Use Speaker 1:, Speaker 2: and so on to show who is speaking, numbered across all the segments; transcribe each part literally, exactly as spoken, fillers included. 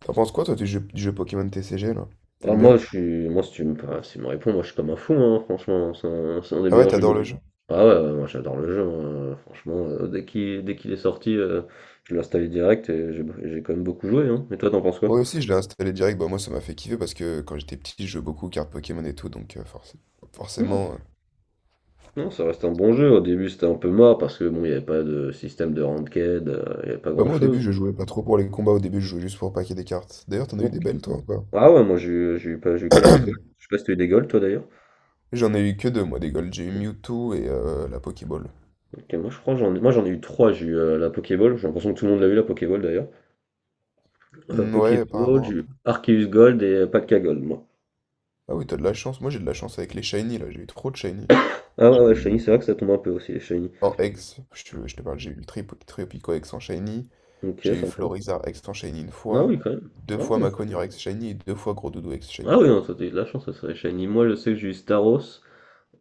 Speaker 1: T'en penses quoi toi du jeu, du jeu Pokémon T C G là?
Speaker 2: Ah,
Speaker 1: T'aimes bien?
Speaker 2: moi, je suis, moi, si tu me, enfin, si tu me réponds, moi, je suis comme un fou, hein, franchement. C'est un, c'est un des
Speaker 1: Ah ouais,
Speaker 2: meilleurs jeux
Speaker 1: t'adores le
Speaker 2: mobiles.
Speaker 1: jeu?
Speaker 2: Ah ouais, ouais, moi, j'adore le jeu, hein, franchement. euh, dès qu'il, dès qu'il est sorti, euh, je l'ai installé direct et j'ai j'ai quand même beaucoup joué. Hein. Et toi, t'en penses quoi?
Speaker 1: Moi aussi je l'ai installé direct, bah moi ça m'a fait kiffer parce que quand j'étais petit je jouais beaucoup aux cartes Pokémon et tout, donc euh, forc-
Speaker 2: Non,
Speaker 1: forcément... euh,
Speaker 2: non, ça reste un bon jeu. Au début, c'était un peu mort parce que bon, il n'y avait pas de système de ranked, euh, il n'y avait pas
Speaker 1: Bah moi au début
Speaker 2: grand-chose.
Speaker 1: je jouais pas trop pour les combats, au début je jouais juste pour paquer des cartes. D'ailleurs t'en as eu des
Speaker 2: Donc,
Speaker 1: belles toi ou pas?
Speaker 2: ah ouais, moi, j'ai eu, j'ai eu, pas- j'ai eu quelques goals. Je sais pas si t'as eu des goals, toi, d'ailleurs.
Speaker 1: J'en ai eu que deux moi des Gold, j'ai eu Mewtwo et euh, la Pokéball.
Speaker 2: Ok, moi, je crois, que j'en, ai- moi, j'en ai eu trois. J'ai eu euh, la Pokéball. J'ai l'impression que tout le monde l'a eu, la Pokéball, d'ailleurs. Euh,
Speaker 1: Hmm, ouais
Speaker 2: Pokéball,
Speaker 1: apparemment
Speaker 2: j'ai
Speaker 1: un peu.
Speaker 2: eu Arceus Gold et Pacta Gold, moi.
Speaker 1: Ah oui t'as de la chance, moi j'ai de la chance avec les Shiny là, j'ai eu trop de Shiny.
Speaker 2: Ah ouais,
Speaker 1: J'ai
Speaker 2: ouais,
Speaker 1: eu
Speaker 2: Shiny, c'est vrai que ça tombe un peu aussi, les Shiny.
Speaker 1: en Ex, je, te je te parle, j'ai eu le Tri- Tripico Ex en Shiny.
Speaker 2: Ok,
Speaker 1: J'ai eu
Speaker 2: sympa.
Speaker 1: Florizarre Ex-Enchaîné une
Speaker 2: Ah
Speaker 1: fois,
Speaker 2: oui, quand même.
Speaker 1: deux
Speaker 2: Ah,
Speaker 1: fois
Speaker 2: ouais.
Speaker 1: Macognure Ex-Shiny et deux fois Gros Doudou
Speaker 2: Ah
Speaker 1: Ex-Shiny.
Speaker 2: oui, non, toi, t'as eu de la chance, ça serait Shiny. Moi, je sais que j'ai eu Staros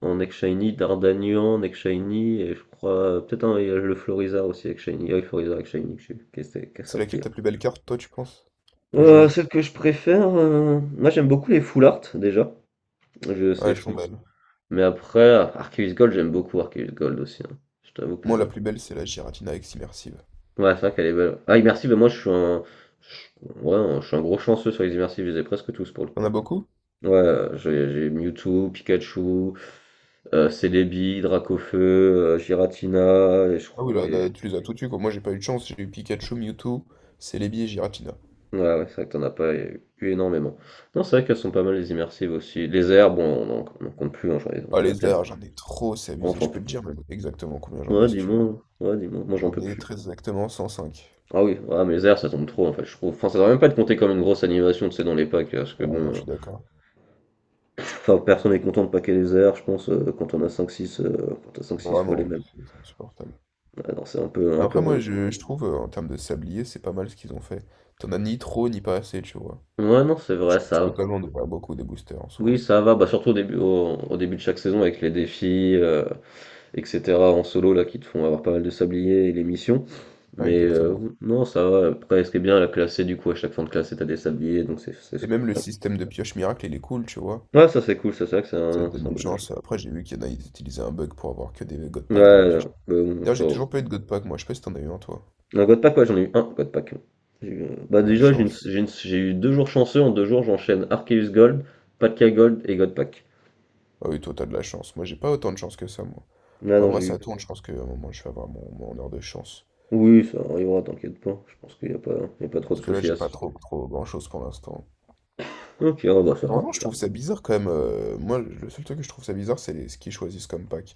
Speaker 2: en ex Shiny, Dardanian en ex Shiny, et je crois, euh, peut-être un, il y a le Florizarre aussi avec Shiny. Ah oui, Florizarre avec Shiny que j'ai eu, qui est, qui est
Speaker 1: C'est
Speaker 2: sorti
Speaker 1: laquelle
Speaker 2: là.
Speaker 1: ta plus belle carte, toi, tu penses? Plus
Speaker 2: Euh,
Speaker 1: jolie?
Speaker 2: celle que je préfère, euh, moi j'aime beaucoup les full art déjà, je
Speaker 1: Ah,
Speaker 2: sais,
Speaker 1: elles
Speaker 2: je
Speaker 1: sont
Speaker 2: pense.
Speaker 1: belles.
Speaker 2: Mais après, Arceus Gold, j'aime beaucoup Arceus Gold aussi, hein. Je t'avoue que
Speaker 1: Moi, la plus belle, c'est la Giratina Ex-Immersive.
Speaker 2: ouais, c'est vrai qu'elle est belle. Ah, immersive, moi je suis un. Je- Ouais, un- je suis un gros chanceux sur les immersives, je les ai presque tous pour le
Speaker 1: T'en
Speaker 2: coup.
Speaker 1: as beaucoup?
Speaker 2: Ouais, euh, j'ai j'ai Mewtwo, Pikachu, euh, Celebi, Dracofeu, euh, Giratina, et je
Speaker 1: Ah
Speaker 2: crois-
Speaker 1: oui, là,
Speaker 2: et-
Speaker 1: là, tu les as toutes eues, quoi. Moi, j'ai pas eu de chance. J'ai eu Pikachu, Mewtwo, Celebi et Giratina.
Speaker 2: ouais, ouais, c'est vrai que t'en as pas eu énormément. Non, c'est vrai qu'elles sont pas mal les immersives aussi. Les airs, bon, on en, on en compte plus, hein, j'en ai-
Speaker 1: Ah,
Speaker 2: on a
Speaker 1: les
Speaker 2: tellement.
Speaker 1: airs, j'en ai trop, c'est
Speaker 2: Bon,
Speaker 1: abusé.
Speaker 2: j'en
Speaker 1: Je peux
Speaker 2: peux...
Speaker 1: te dire même exactement combien j'en ai,
Speaker 2: Ouais,
Speaker 1: si tu veux.
Speaker 2: dis-moi, ouais, dis-moi, moi j'en
Speaker 1: J'en
Speaker 2: peux
Speaker 1: ai
Speaker 2: plus.
Speaker 1: très exactement cent cinq.
Speaker 2: Ah oui, ouais, mais les airs, ça tombe trop en fait, je trouve. Enfin, ça devrait même pas être compté comme une grosse animation, tu sais, dans les packs, parce que
Speaker 1: Ah non, je
Speaker 2: bon.
Speaker 1: suis d'accord.
Speaker 2: Enfin, personne n'est content de paquer les heures, je pense, euh, quand on a cinq, six, euh, quand t'as cinq, six, fois les
Speaker 1: Vraiment,
Speaker 2: mêmes.
Speaker 1: c'est insupportable.
Speaker 2: Ah non, c'est un peu, un peu
Speaker 1: Après, moi,
Speaker 2: relou.
Speaker 1: je, je trouve, euh, en termes de sablier, c'est pas mal ce qu'ils ont fait. T'en as ni trop, ni pas assez, tu vois.
Speaker 2: Ouais, non, c'est
Speaker 1: Tu,
Speaker 2: vrai,
Speaker 1: tu peux
Speaker 2: ça.
Speaker 1: quand même en ouvrir beaucoup des boosters en soi,
Speaker 2: Oui,
Speaker 1: hein.
Speaker 2: ça va, bah, surtout au début, au, au début de chaque saison avec les défis, euh, et cetera en solo, là, qui te font avoir pas mal de sabliers et les missions.
Speaker 1: Ouais,
Speaker 2: Mais euh,
Speaker 1: exactement.
Speaker 2: non, ça va. Après, ce qui est bien, la classe, c'est du coup, à chaque fin de classe, t'as des sabliers, donc c'est c'est
Speaker 1: Et même le
Speaker 2: cool.
Speaker 1: système de pioche miracle, il est cool, tu vois.
Speaker 2: Ouais, ça c'est cool, ça c'est vrai que c'est
Speaker 1: Ça te
Speaker 2: un,
Speaker 1: donne
Speaker 2: c'est un
Speaker 1: une
Speaker 2: bon ajout.
Speaker 1: chance. Après, j'ai vu qu'il y en a, ils utilisaient un bug pour avoir que des God Pack dans les
Speaker 2: Ouais,
Speaker 1: pioches.
Speaker 2: bah, bon,
Speaker 1: D'ailleurs,
Speaker 2: ça,
Speaker 1: j'ai toujours pas eu de God Pack, moi. Je sais pas si t'en as eu un, toi.
Speaker 2: un God Pack, ouais, j'en ai eu un God Pack. J'ai eu- euh, Bah
Speaker 1: Ah, la
Speaker 2: déjà, j'ai une-
Speaker 1: chance.
Speaker 2: j'ai une- j'ai eu deux jours chanceux. En deux jours, j'enchaîne Arceus Gold, Patka Gold et God Pack.
Speaker 1: Ah oui, toi, t'as de la chance. Moi, j'ai pas autant de chance que ça, moi.
Speaker 2: Ah
Speaker 1: Mais
Speaker 2: non, j'ai
Speaker 1: après, ça
Speaker 2: eu.
Speaker 1: tourne, je pense qu'à un moment, je vais avoir mon, mon heure de chance.
Speaker 2: Oui, ça arrivera, t'inquiète pas. Je pense qu'il n'y a pas, il y a pas trop de
Speaker 1: Parce que là,
Speaker 2: soucis
Speaker 1: j'ai
Speaker 2: à se
Speaker 1: pas
Speaker 2: faire.
Speaker 1: trop, trop grand-chose pour l'instant.
Speaker 2: Ok, ah bah ça,
Speaker 1: Mais
Speaker 2: va,
Speaker 1: vraiment, je
Speaker 2: ça.
Speaker 1: trouve ça bizarre quand même. euh, moi, le seul truc que je trouve ça bizarre, c'est les- ce qu'ils choisissent comme pack.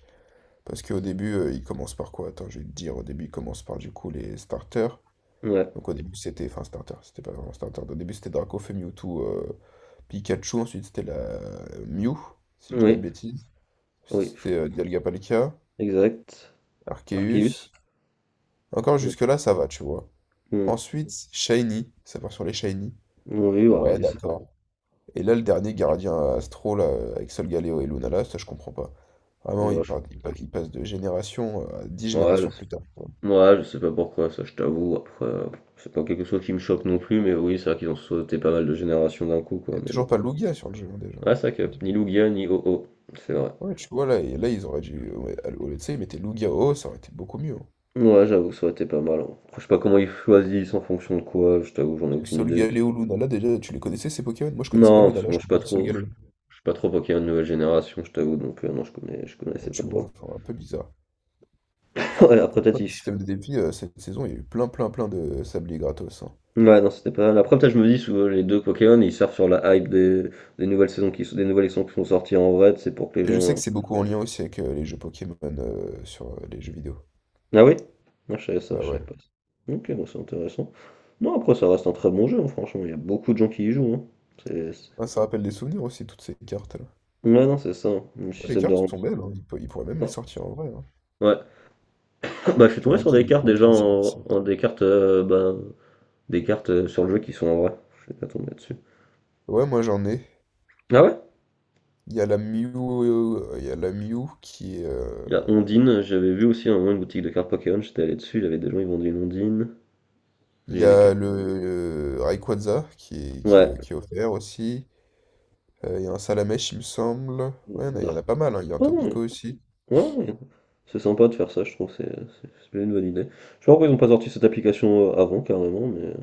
Speaker 1: Parce qu'au début, euh, ils commencent par quoi? Attends, je vais te dire. Au début, ils commencent par du coup les starters.
Speaker 2: Va. Ouais,
Speaker 1: Donc au début, c'était, enfin, starter, c'était pas vraiment starter. Au début, c'était Dracaufeu, Mewtwo, euh, Pikachu. Ensuite, c'était la euh, Mew, si je dis pas de
Speaker 2: oui,
Speaker 1: bêtises.
Speaker 2: oui,
Speaker 1: C'était euh, Dialga-Palkia,
Speaker 2: exact. Arceus.
Speaker 1: Arceus. Encore
Speaker 2: Mm,
Speaker 1: jusque-là, ça va, tu vois.
Speaker 2: mm.
Speaker 1: Ensuite, Shiny. Ça part sur les Shiny.
Speaker 2: Oui, ouais, ouais,
Speaker 1: Ouais,
Speaker 2: il- c'est-
Speaker 1: d'accord. Et là, le dernier gardien Astro, là, avec Solgaleo et Luna, là, ça, je comprends pas. Vraiment,
Speaker 2: ouais,
Speaker 1: il,
Speaker 2: je...
Speaker 1: part- il pa- il passe de génération à dix
Speaker 2: ouais, je
Speaker 1: générations plus tard,
Speaker 2: sais
Speaker 1: quoi.
Speaker 2: ouais, je sais pas pourquoi, ça je t'avoue. Après, euh, c'est pas quelque chose qui me choque non plus, mais oui, c'est vrai qu'ils ont sauté pas mal de générations d'un coup,
Speaker 1: Il
Speaker 2: quoi.
Speaker 1: n'y a
Speaker 2: Mais bon.
Speaker 1: toujours pas Lugia sur le jeu, hein, déjà.
Speaker 2: Ouais, c'est vrai que ni Lugia ni Ho-Oh, c'est vrai.
Speaker 1: Ouais, tu vois, là, et là ils auraient dû, ouais, à- au lieu de ça, ils mettaient Lugia au haut, ça aurait été beaucoup mieux, hein.
Speaker 2: Ouais, j'avoue, ça aurait été pas mal, hein. Je sais pas comment ils choisissent en fonction de quoi, je t'avoue, j'en ai
Speaker 1: Parce que
Speaker 2: aucune idée.
Speaker 1: Solgaleo Lunala, déjà, tu les connaissais, ces Pokémon? Moi, je connaissais pas
Speaker 2: Non, parce que
Speaker 1: Lunala, je
Speaker 2: moi, je suis pas
Speaker 1: connaissais
Speaker 2: trop. Je
Speaker 1: Solgaleo.
Speaker 2: suis pas trop Pokémon nouvelle génération, je t'avoue, donc euh, non, je connais, je
Speaker 1: Ouais,
Speaker 2: connaissais pas
Speaker 1: tu
Speaker 2: de bol.
Speaker 1: vois, enfin, un peu bizarre.
Speaker 2: Ouais, après, peut-être
Speaker 1: Après, le
Speaker 2: ils-
Speaker 1: système de défi, euh, cette saison, il y a eu plein, plein, plein de sabliers gratos, hein.
Speaker 2: Ouais, non, c'était pas mal. Après, peut-être je me dis, souvent, les deux Pokémon, ils servent sur la hype des, des nouvelles saisons qui sont, des nouvelles saisons qui sont sorties en vrai, c'est pour que les
Speaker 1: Et
Speaker 2: gens.
Speaker 1: je sais
Speaker 2: euh,
Speaker 1: que c'est beaucoup en lien aussi avec euh, les jeux Pokémon euh, sur euh, les jeux vidéo.
Speaker 2: Ah oui? Non, je savais ça,
Speaker 1: Bah
Speaker 2: je savais
Speaker 1: ouais.
Speaker 2: pas. Ça. Ok, bon, c'est intéressant. Non, après, ça reste un très bon jeu, hein, franchement, il y a beaucoup de gens qui y jouent, hein. C'est
Speaker 1: Ah, ça rappelle des souvenirs aussi, toutes ces cartes-là.
Speaker 2: Ouais, non, c'est ça, hein, le
Speaker 1: Ouais, les
Speaker 2: système de
Speaker 1: cartes
Speaker 2: rempart.
Speaker 1: sont belles, hein. Ils, pour- ils pourraient même les sortir en vrai, hein.
Speaker 2: Ouais. Bah, je suis
Speaker 1: Tu
Speaker 2: tombé
Speaker 1: vois,
Speaker 2: sur
Speaker 1: qu'il y
Speaker 2: des
Speaker 1: a
Speaker 2: cartes
Speaker 1: des
Speaker 2: déjà
Speaker 1: que les
Speaker 2: en,
Speaker 1: immersives.
Speaker 2: en- des cartes euh, bah, des cartes euh, sur le jeu qui sont en vrai. Je suis pas tombé là-dessus.
Speaker 1: Ouais, moi j'en ai.
Speaker 2: Ah ouais?
Speaker 1: Il y a la Mew, euh, il y a la Mew qui est. euh,
Speaker 2: Il y a Ondine, j'avais vu aussi à un moment une boutique de cartes Pokémon, j'étais allé dessus, il y avait des gens, ils vendaient une Ondine. Il
Speaker 1: Il
Speaker 2: y
Speaker 1: y
Speaker 2: avait des
Speaker 1: a
Speaker 2: cartes.
Speaker 1: le euh, Rayquaza qui est, qui
Speaker 2: Ouais.
Speaker 1: est, qui est offert aussi. Euh, il y a un Salamèche, il me semble. Ouais, il y en a, il y en
Speaker 2: Dark.
Speaker 1: a pas mal, hein. Il y a un
Speaker 2: Oh non,
Speaker 1: Topico aussi.
Speaker 2: ouais, ouais. C'est sympa de faire ça, je trouve, c'est c'est- c'est une bonne idée. Je sais pas pourquoi ils ont pas sorti cette application euh, avant, carrément, mais,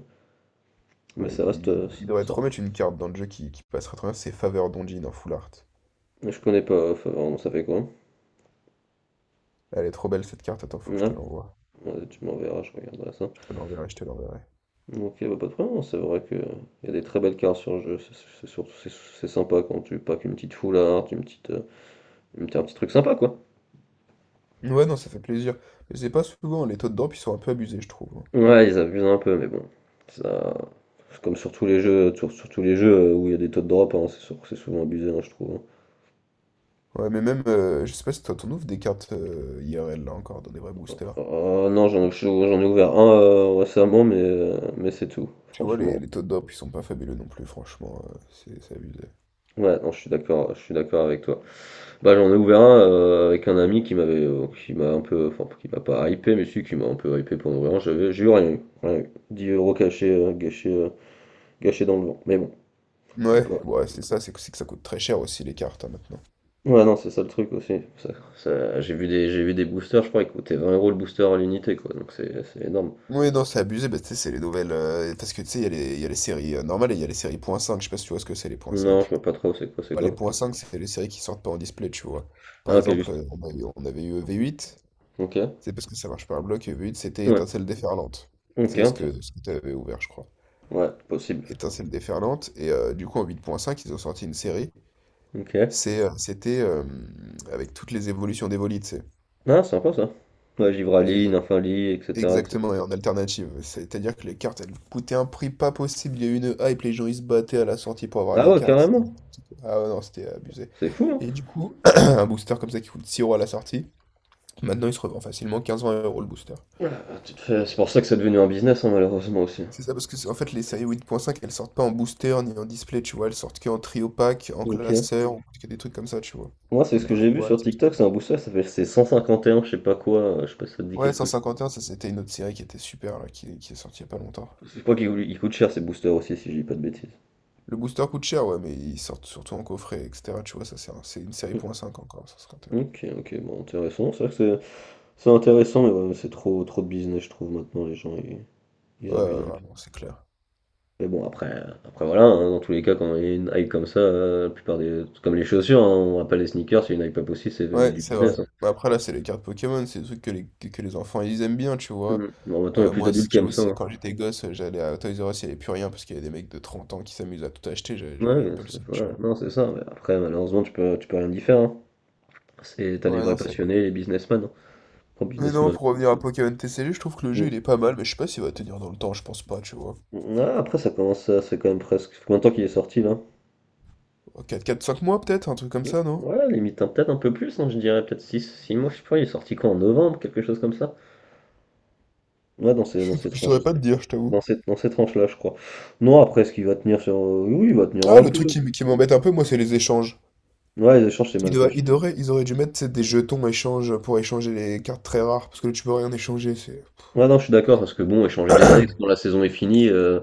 Speaker 2: mais
Speaker 1: Ouais,
Speaker 2: ça reste
Speaker 1: il,
Speaker 2: euh,
Speaker 1: il
Speaker 2: ça.
Speaker 1: devrait te
Speaker 2: Ça.
Speaker 1: remettre une carte dans le jeu qui, qui passera très bien. C'est Faveur d'Ondine en full art.
Speaker 2: Je connais pas, enfin, vraiment, ça fait quoi?
Speaker 1: Elle est trop belle cette carte. Attends, faut que je te
Speaker 2: Ah,
Speaker 1: l'envoie.
Speaker 2: ouais, tu m'enverras, je regarderai ça.
Speaker 1: Je te l'enverrai, je te l'enverrai.
Speaker 2: Ok, bah, pas de problème, c'est vrai que il y a des très belles cartes sur le jeu, c'est c'est surtout c'est c'est sympa quand tu packs une petite foularde, une petite, euh, une petite- un petit truc sympa quoi.
Speaker 1: Ouais, non, ça fait plaisir. Mais c'est pas souvent, les taux de drop, ils sont un peu abusés, je trouve.
Speaker 2: Ouais, ils abusent un peu, mais bon, ça, c'est comme sur tous les jeux, sur, sur tous les jeux euh, où il y a des taux de drop, hein, c'est sûr que c'est souvent abusé, hein, je trouve, hein.
Speaker 1: Ouais, mais même, euh, je sais pas si toi, t'en ouvres des cartes euh, I R L, là, encore, dans des vrais boosters.
Speaker 2: Euh, non, j'en j'en ai ouvert un euh, récemment, mais, euh, mais c'est tout,
Speaker 1: Tu vois,
Speaker 2: franchement.
Speaker 1: les, les taux de drop, ils sont pas fabuleux non plus, franchement, euh, c'est c'est abusé.
Speaker 2: Ouais, non, je suis d'accord, je suis d'accord avec toi. Bah, j'en ai ouvert un euh, avec un ami qui m'avait euh, qui m'a un peu enfin qui m'a pas hypé mais si qui m'a un peu hypé pour en ouvrir un, j'avais j'ai eu rien eu, rien eu. dix euros cachés euh, gâchés euh, gâchés dans le vent. Mais bon, on peut
Speaker 1: Ouais,
Speaker 2: pas.
Speaker 1: ouais, c'est ça, c'est que, c'est que ça coûte très cher aussi, les cartes, hein, maintenant.
Speaker 2: Ouais non, c'est ça le truc aussi. Ça, ça- j'ai vu des j'ai vu des boosters, je crois ils coûtaient vingt euros le booster à l'unité quoi. Donc c'est c'est énorme.
Speaker 1: Ouais, non, c'est abusé, bah, tu sais, c'est les nouvelles... euh, parce que, tu sais, il y a les, il y a les séries euh, normales et il y a les séries point cinq, je sais pas si tu vois ce que c'est, les
Speaker 2: Non, je
Speaker 1: .cinq.
Speaker 2: vois pas trop c'est quoi c'est
Speaker 1: Bah, les
Speaker 2: quoi.
Speaker 1: point cinq c'est les séries qui sortent pas en display, tu vois.
Speaker 2: Ah,
Speaker 1: Par
Speaker 2: OK
Speaker 1: exemple,
Speaker 2: juste.
Speaker 1: euh, on avait, on avait eu v huit.
Speaker 2: OK.
Speaker 1: C'est parce que ça marche par bloc, Uber Eats, c'était
Speaker 2: Ouais.
Speaker 1: étincelle déferlante.
Speaker 2: OK,
Speaker 1: C'est ce
Speaker 2: intéressant.
Speaker 1: que, ce que tu avais ouvert, je crois.
Speaker 2: Ouais, possible.
Speaker 1: Étincelle déferlante. Et euh, du coup, en huit virgule cinq, ils ont sorti une série.
Speaker 2: OK.
Speaker 1: C'est, euh, c'était euh, avec toutes les évolutions d'Evoli, tu sais.
Speaker 2: Ah, sympa ça. Ouais,
Speaker 1: Et,
Speaker 2: Givraline,
Speaker 1: euh,
Speaker 2: Infali, et cetera, et cetera.
Speaker 1: exactement, et en alternative. C'est-à-dire que les cartes, elles coûtaient un prix pas possible. Il y a eu une hype, les gens, ils se battaient à la sortie pour avoir
Speaker 2: Ah
Speaker 1: les
Speaker 2: ouais,
Speaker 1: cartes.
Speaker 2: carrément.
Speaker 1: Ah ouais, non, c'était abusé.
Speaker 2: C'est fou, hein.
Speaker 1: Et du coup, un booster comme ça qui coûte six euros à la sortie, maintenant, il se revend facilement quinze-vingt euros le booster.
Speaker 2: Ah bah, tu te fais c'est pour ça que c'est devenu un business, hein, malheureusement aussi.
Speaker 1: C'est ça, parce que c'est- en fait, les séries huit virgule cinq, elles sortent pas en booster ni en display, tu vois. Elles sortent que en trio pack, en
Speaker 2: Ok.
Speaker 1: classeur, ou que des trucs comme ça, tu vois.
Speaker 2: Moi, c'est
Speaker 1: Ou
Speaker 2: ce que
Speaker 1: dans les
Speaker 2: j'ai vu sur
Speaker 1: boîtes.
Speaker 2: TikTok, c'est un booster, ça fait c'est cent cinquante et un, je sais pas quoi, euh, je sais pas si ça te dit
Speaker 1: Ouais,
Speaker 2: quelque chose.
Speaker 1: cent cinquante et un, ça c'était une autre série qui était super, là, qui, qui est sortie il y a pas longtemps.
Speaker 2: Je crois qu'il il coûte cher ces boosters aussi, si je dis pas de bêtises.
Speaker 1: Le booster coûte cher, ouais, mais ils sortent surtout en coffret, et cetera. Tu vois, ça c'est un- c'est une série
Speaker 2: Hmm.
Speaker 1: .cinq encore, cent cinquante et un.
Speaker 2: Ok, ok, bon, intéressant. C'est vrai que c'est c'est intéressant, mais ouais, c'est trop, trop de business, je trouve, maintenant, les gens, ils, ils
Speaker 1: Ouais,
Speaker 2: abusent
Speaker 1: ouais,
Speaker 2: un peu.
Speaker 1: vraiment, c'est clair.
Speaker 2: Mais bon, après, après voilà, hein, dans tous les cas, quand il y a une hype comme ça, euh, la plupart des. Comme les chaussures, hein, on rappelle les sneakers, c'est une hype pas possible, c'est devenu
Speaker 1: Ouais,
Speaker 2: du
Speaker 1: c'est vrai.
Speaker 2: business, hein.
Speaker 1: Bah, après, là, c'est les cartes Pokémon, c'est des trucs que les, que que les enfants, ils aiment bien, tu vois.
Speaker 2: Hmm. Bon, maintenant, il y a
Speaker 1: Euh,
Speaker 2: plus
Speaker 1: moi, si-
Speaker 2: d'adultes qui aiment
Speaker 1: j'avoue,
Speaker 2: ça,
Speaker 1: si,
Speaker 2: hein.
Speaker 1: quand j'étais gosse, euh, j'allais à Toys R Us, il n'y avait plus rien parce qu'il y a des mecs de trente ans qui s'amusent à tout acheter, j'avais
Speaker 2: Ouais,
Speaker 1: j'aurais eu un
Speaker 2: ouais,
Speaker 1: peu le
Speaker 2: c'est-
Speaker 1: seum, tu
Speaker 2: voilà.
Speaker 1: vois.
Speaker 2: Non, c'est ça. Mais après, malheureusement, tu peux, tu peux rien y faire, hein. C'est, t'as les
Speaker 1: Ouais,
Speaker 2: vrais
Speaker 1: non, c'est vrai.
Speaker 2: passionnés, les businessmen, hein. Oh,
Speaker 1: Mais non,
Speaker 2: businessmen.
Speaker 1: pour revenir à Pokémon T C G, je trouve que le jeu,
Speaker 2: Mm.
Speaker 1: il est pas mal, mais je sais pas s'il va tenir dans le temps, je pense pas, tu vois.
Speaker 2: Ah, après, ça commence à, c'est quand même presque. Combien de temps qu'il est sorti là?
Speaker 1: Euh, Quatre, quatre, cinq mois peut-être, un truc comme
Speaker 2: Mm.
Speaker 1: ça, non?
Speaker 2: Ouais, limite hein, peut-être un peu plus, hein, je dirais peut-être six six mois, je sais pas, il est sorti quoi en novembre, quelque chose comme ça. Ouais, dans ces, dans ces
Speaker 1: Je
Speaker 2: tranches.
Speaker 1: saurais pas te dire, je t'avoue.
Speaker 2: Dans ces, dans ces tranches-là, je crois. Non, après, est-ce qu'il va tenir sur. euh, Oui, il va tenir
Speaker 1: Ah,
Speaker 2: un
Speaker 1: le truc
Speaker 2: peu.
Speaker 1: qui, m- qui m'embête un peu, moi, c'est les échanges.
Speaker 2: Ouais, les échanges, c'est
Speaker 1: Ils,
Speaker 2: mal fait.
Speaker 1: doivent- ils auraient, ils auraient dû mettre, tu sais, des jetons échanges pour échanger les cartes très rares, parce que là, tu peux rien échanger, c'est...
Speaker 2: Ouais, non, je suis d'accord, parce que bon, échanger des ex quand la saison est finie, euh,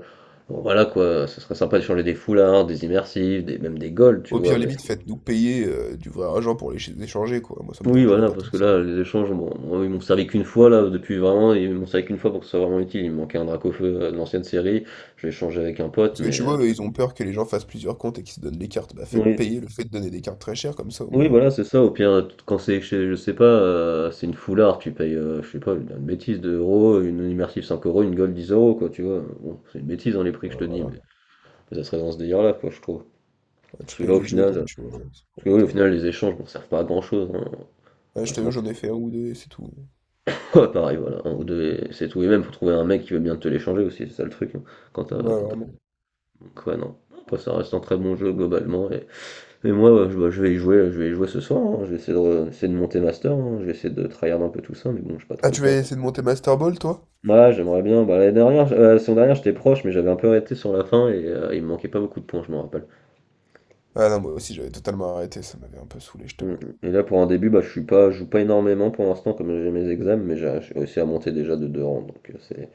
Speaker 2: bon, voilà quoi, ça serait sympa d'échanger des foulards, des immersives, des, même des golds, tu
Speaker 1: Au
Speaker 2: vois,
Speaker 1: pire,
Speaker 2: mais
Speaker 1: limite, faites-nous payer euh, du vrai argent pour les ch- échanger, quoi. Moi, ça me
Speaker 2: oui,
Speaker 1: dérangerait
Speaker 2: voilà,
Speaker 1: pas
Speaker 2: parce
Speaker 1: tant que
Speaker 2: que
Speaker 1: ça.
Speaker 2: là, les échanges, bon, moi, ils m'ont servi qu'une fois, là, depuis vraiment, ils m'ont servi qu'une fois pour que ce soit vraiment utile. Il me manquait un drac au feu euh, de l'ancienne série, je l'ai échangé avec un pote,
Speaker 1: Parce que
Speaker 2: mais.
Speaker 1: tu
Speaker 2: euh,
Speaker 1: vois, eux, ils ont peur que les gens fassent plusieurs comptes et qu'ils se donnent des cartes. Bah, faites
Speaker 2: Oui,
Speaker 1: payer le fait de donner des cartes très chères, comme ça, au
Speaker 2: oui,
Speaker 1: moins.
Speaker 2: voilà, c'est ça, au pire, quand c'est, chez- je sais pas, euh, c'est une foulard, tu payes, euh, je sais pas, une une bêtise, deux euros, une immersive cinq euros, une gold dix euros, quoi, tu vois, bon, c'est une bêtise dans les prix que je
Speaker 1: Ouais,
Speaker 2: te dis,
Speaker 1: voilà.
Speaker 2: mais ça serait dans ce délire-là, quoi, je trouve.
Speaker 1: Ouais,
Speaker 2: Parce
Speaker 1: tu
Speaker 2: que là,
Speaker 1: payes
Speaker 2: au
Speaker 1: les
Speaker 2: final, euh,
Speaker 1: jetons, tu vois. Ça
Speaker 2: parce que
Speaker 1: pourrait
Speaker 2: oui, au
Speaker 1: être, euh,
Speaker 2: final, les échanges ne servent pas à grand-chose, hein, on va
Speaker 1: Ouais,
Speaker 2: pas
Speaker 1: je
Speaker 2: se
Speaker 1: t'avoue,
Speaker 2: mentir.
Speaker 1: j'en ai fait un ou deux et c'est tout.
Speaker 2: Pareil, voilà, un ou deux, et c'est tout. Et même, faut trouver un mec qui veut bien te l'échanger aussi, c'est ça le truc, hein. Quand t'as,
Speaker 1: Ouais,
Speaker 2: quand t'as-
Speaker 1: vraiment.
Speaker 2: donc, ouais, non. Après, ça reste un très bon jeu globalement. Et, et moi, ouais, je, bah, je vais y jouer, je vais y jouer ce soir, hein. Je vais essayer de, re- essayer de monter master, hein. Je vais essayer de tryhard un peu tout ça, mais bon, j'ai pas
Speaker 1: Ah,
Speaker 2: trop le
Speaker 1: tu vas
Speaker 2: temps.
Speaker 1: essayer de monter Master Ball, toi?
Speaker 2: Ouais, j'aimerais bien. Bah, l'année dernière, j- euh, la saison dernière, j'étais proche, mais j'avais un peu arrêté sur la fin et euh, il me manquait pas beaucoup de points, je m'en rappelle.
Speaker 1: Ah non, moi aussi, j'avais totalement arrêté. Ça m'avait un peu saoulé, je
Speaker 2: Mm.
Speaker 1: t'avoue.
Speaker 2: mm. Et là pour un début bah je suis pas je joue pas énormément pour l'instant comme j'ai mes examens mais j'ai j'ai réussi à monter déjà de deux rangs donc euh, c'est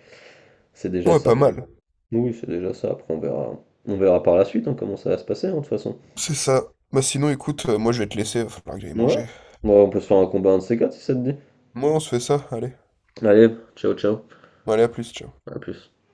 Speaker 2: c'est déjà
Speaker 1: Ouais,
Speaker 2: ça.
Speaker 1: pas mal.
Speaker 2: Oui c'est déjà ça après on verra on verra par la suite hein, comment ça va se passer hein, de toute façon.
Speaker 1: C'est ça. Bah, sinon, écoute, euh, moi, je vais te laisser. Va falloir que j'aille
Speaker 2: Ouais.
Speaker 1: manger.
Speaker 2: Bon, on peut se faire un combat un de ces quatre si ça te dit.
Speaker 1: Moi, on se fait ça. Allez.
Speaker 2: Allez, ciao ciao,
Speaker 1: Bon, Allez, à plus, ciao.
Speaker 2: à plus.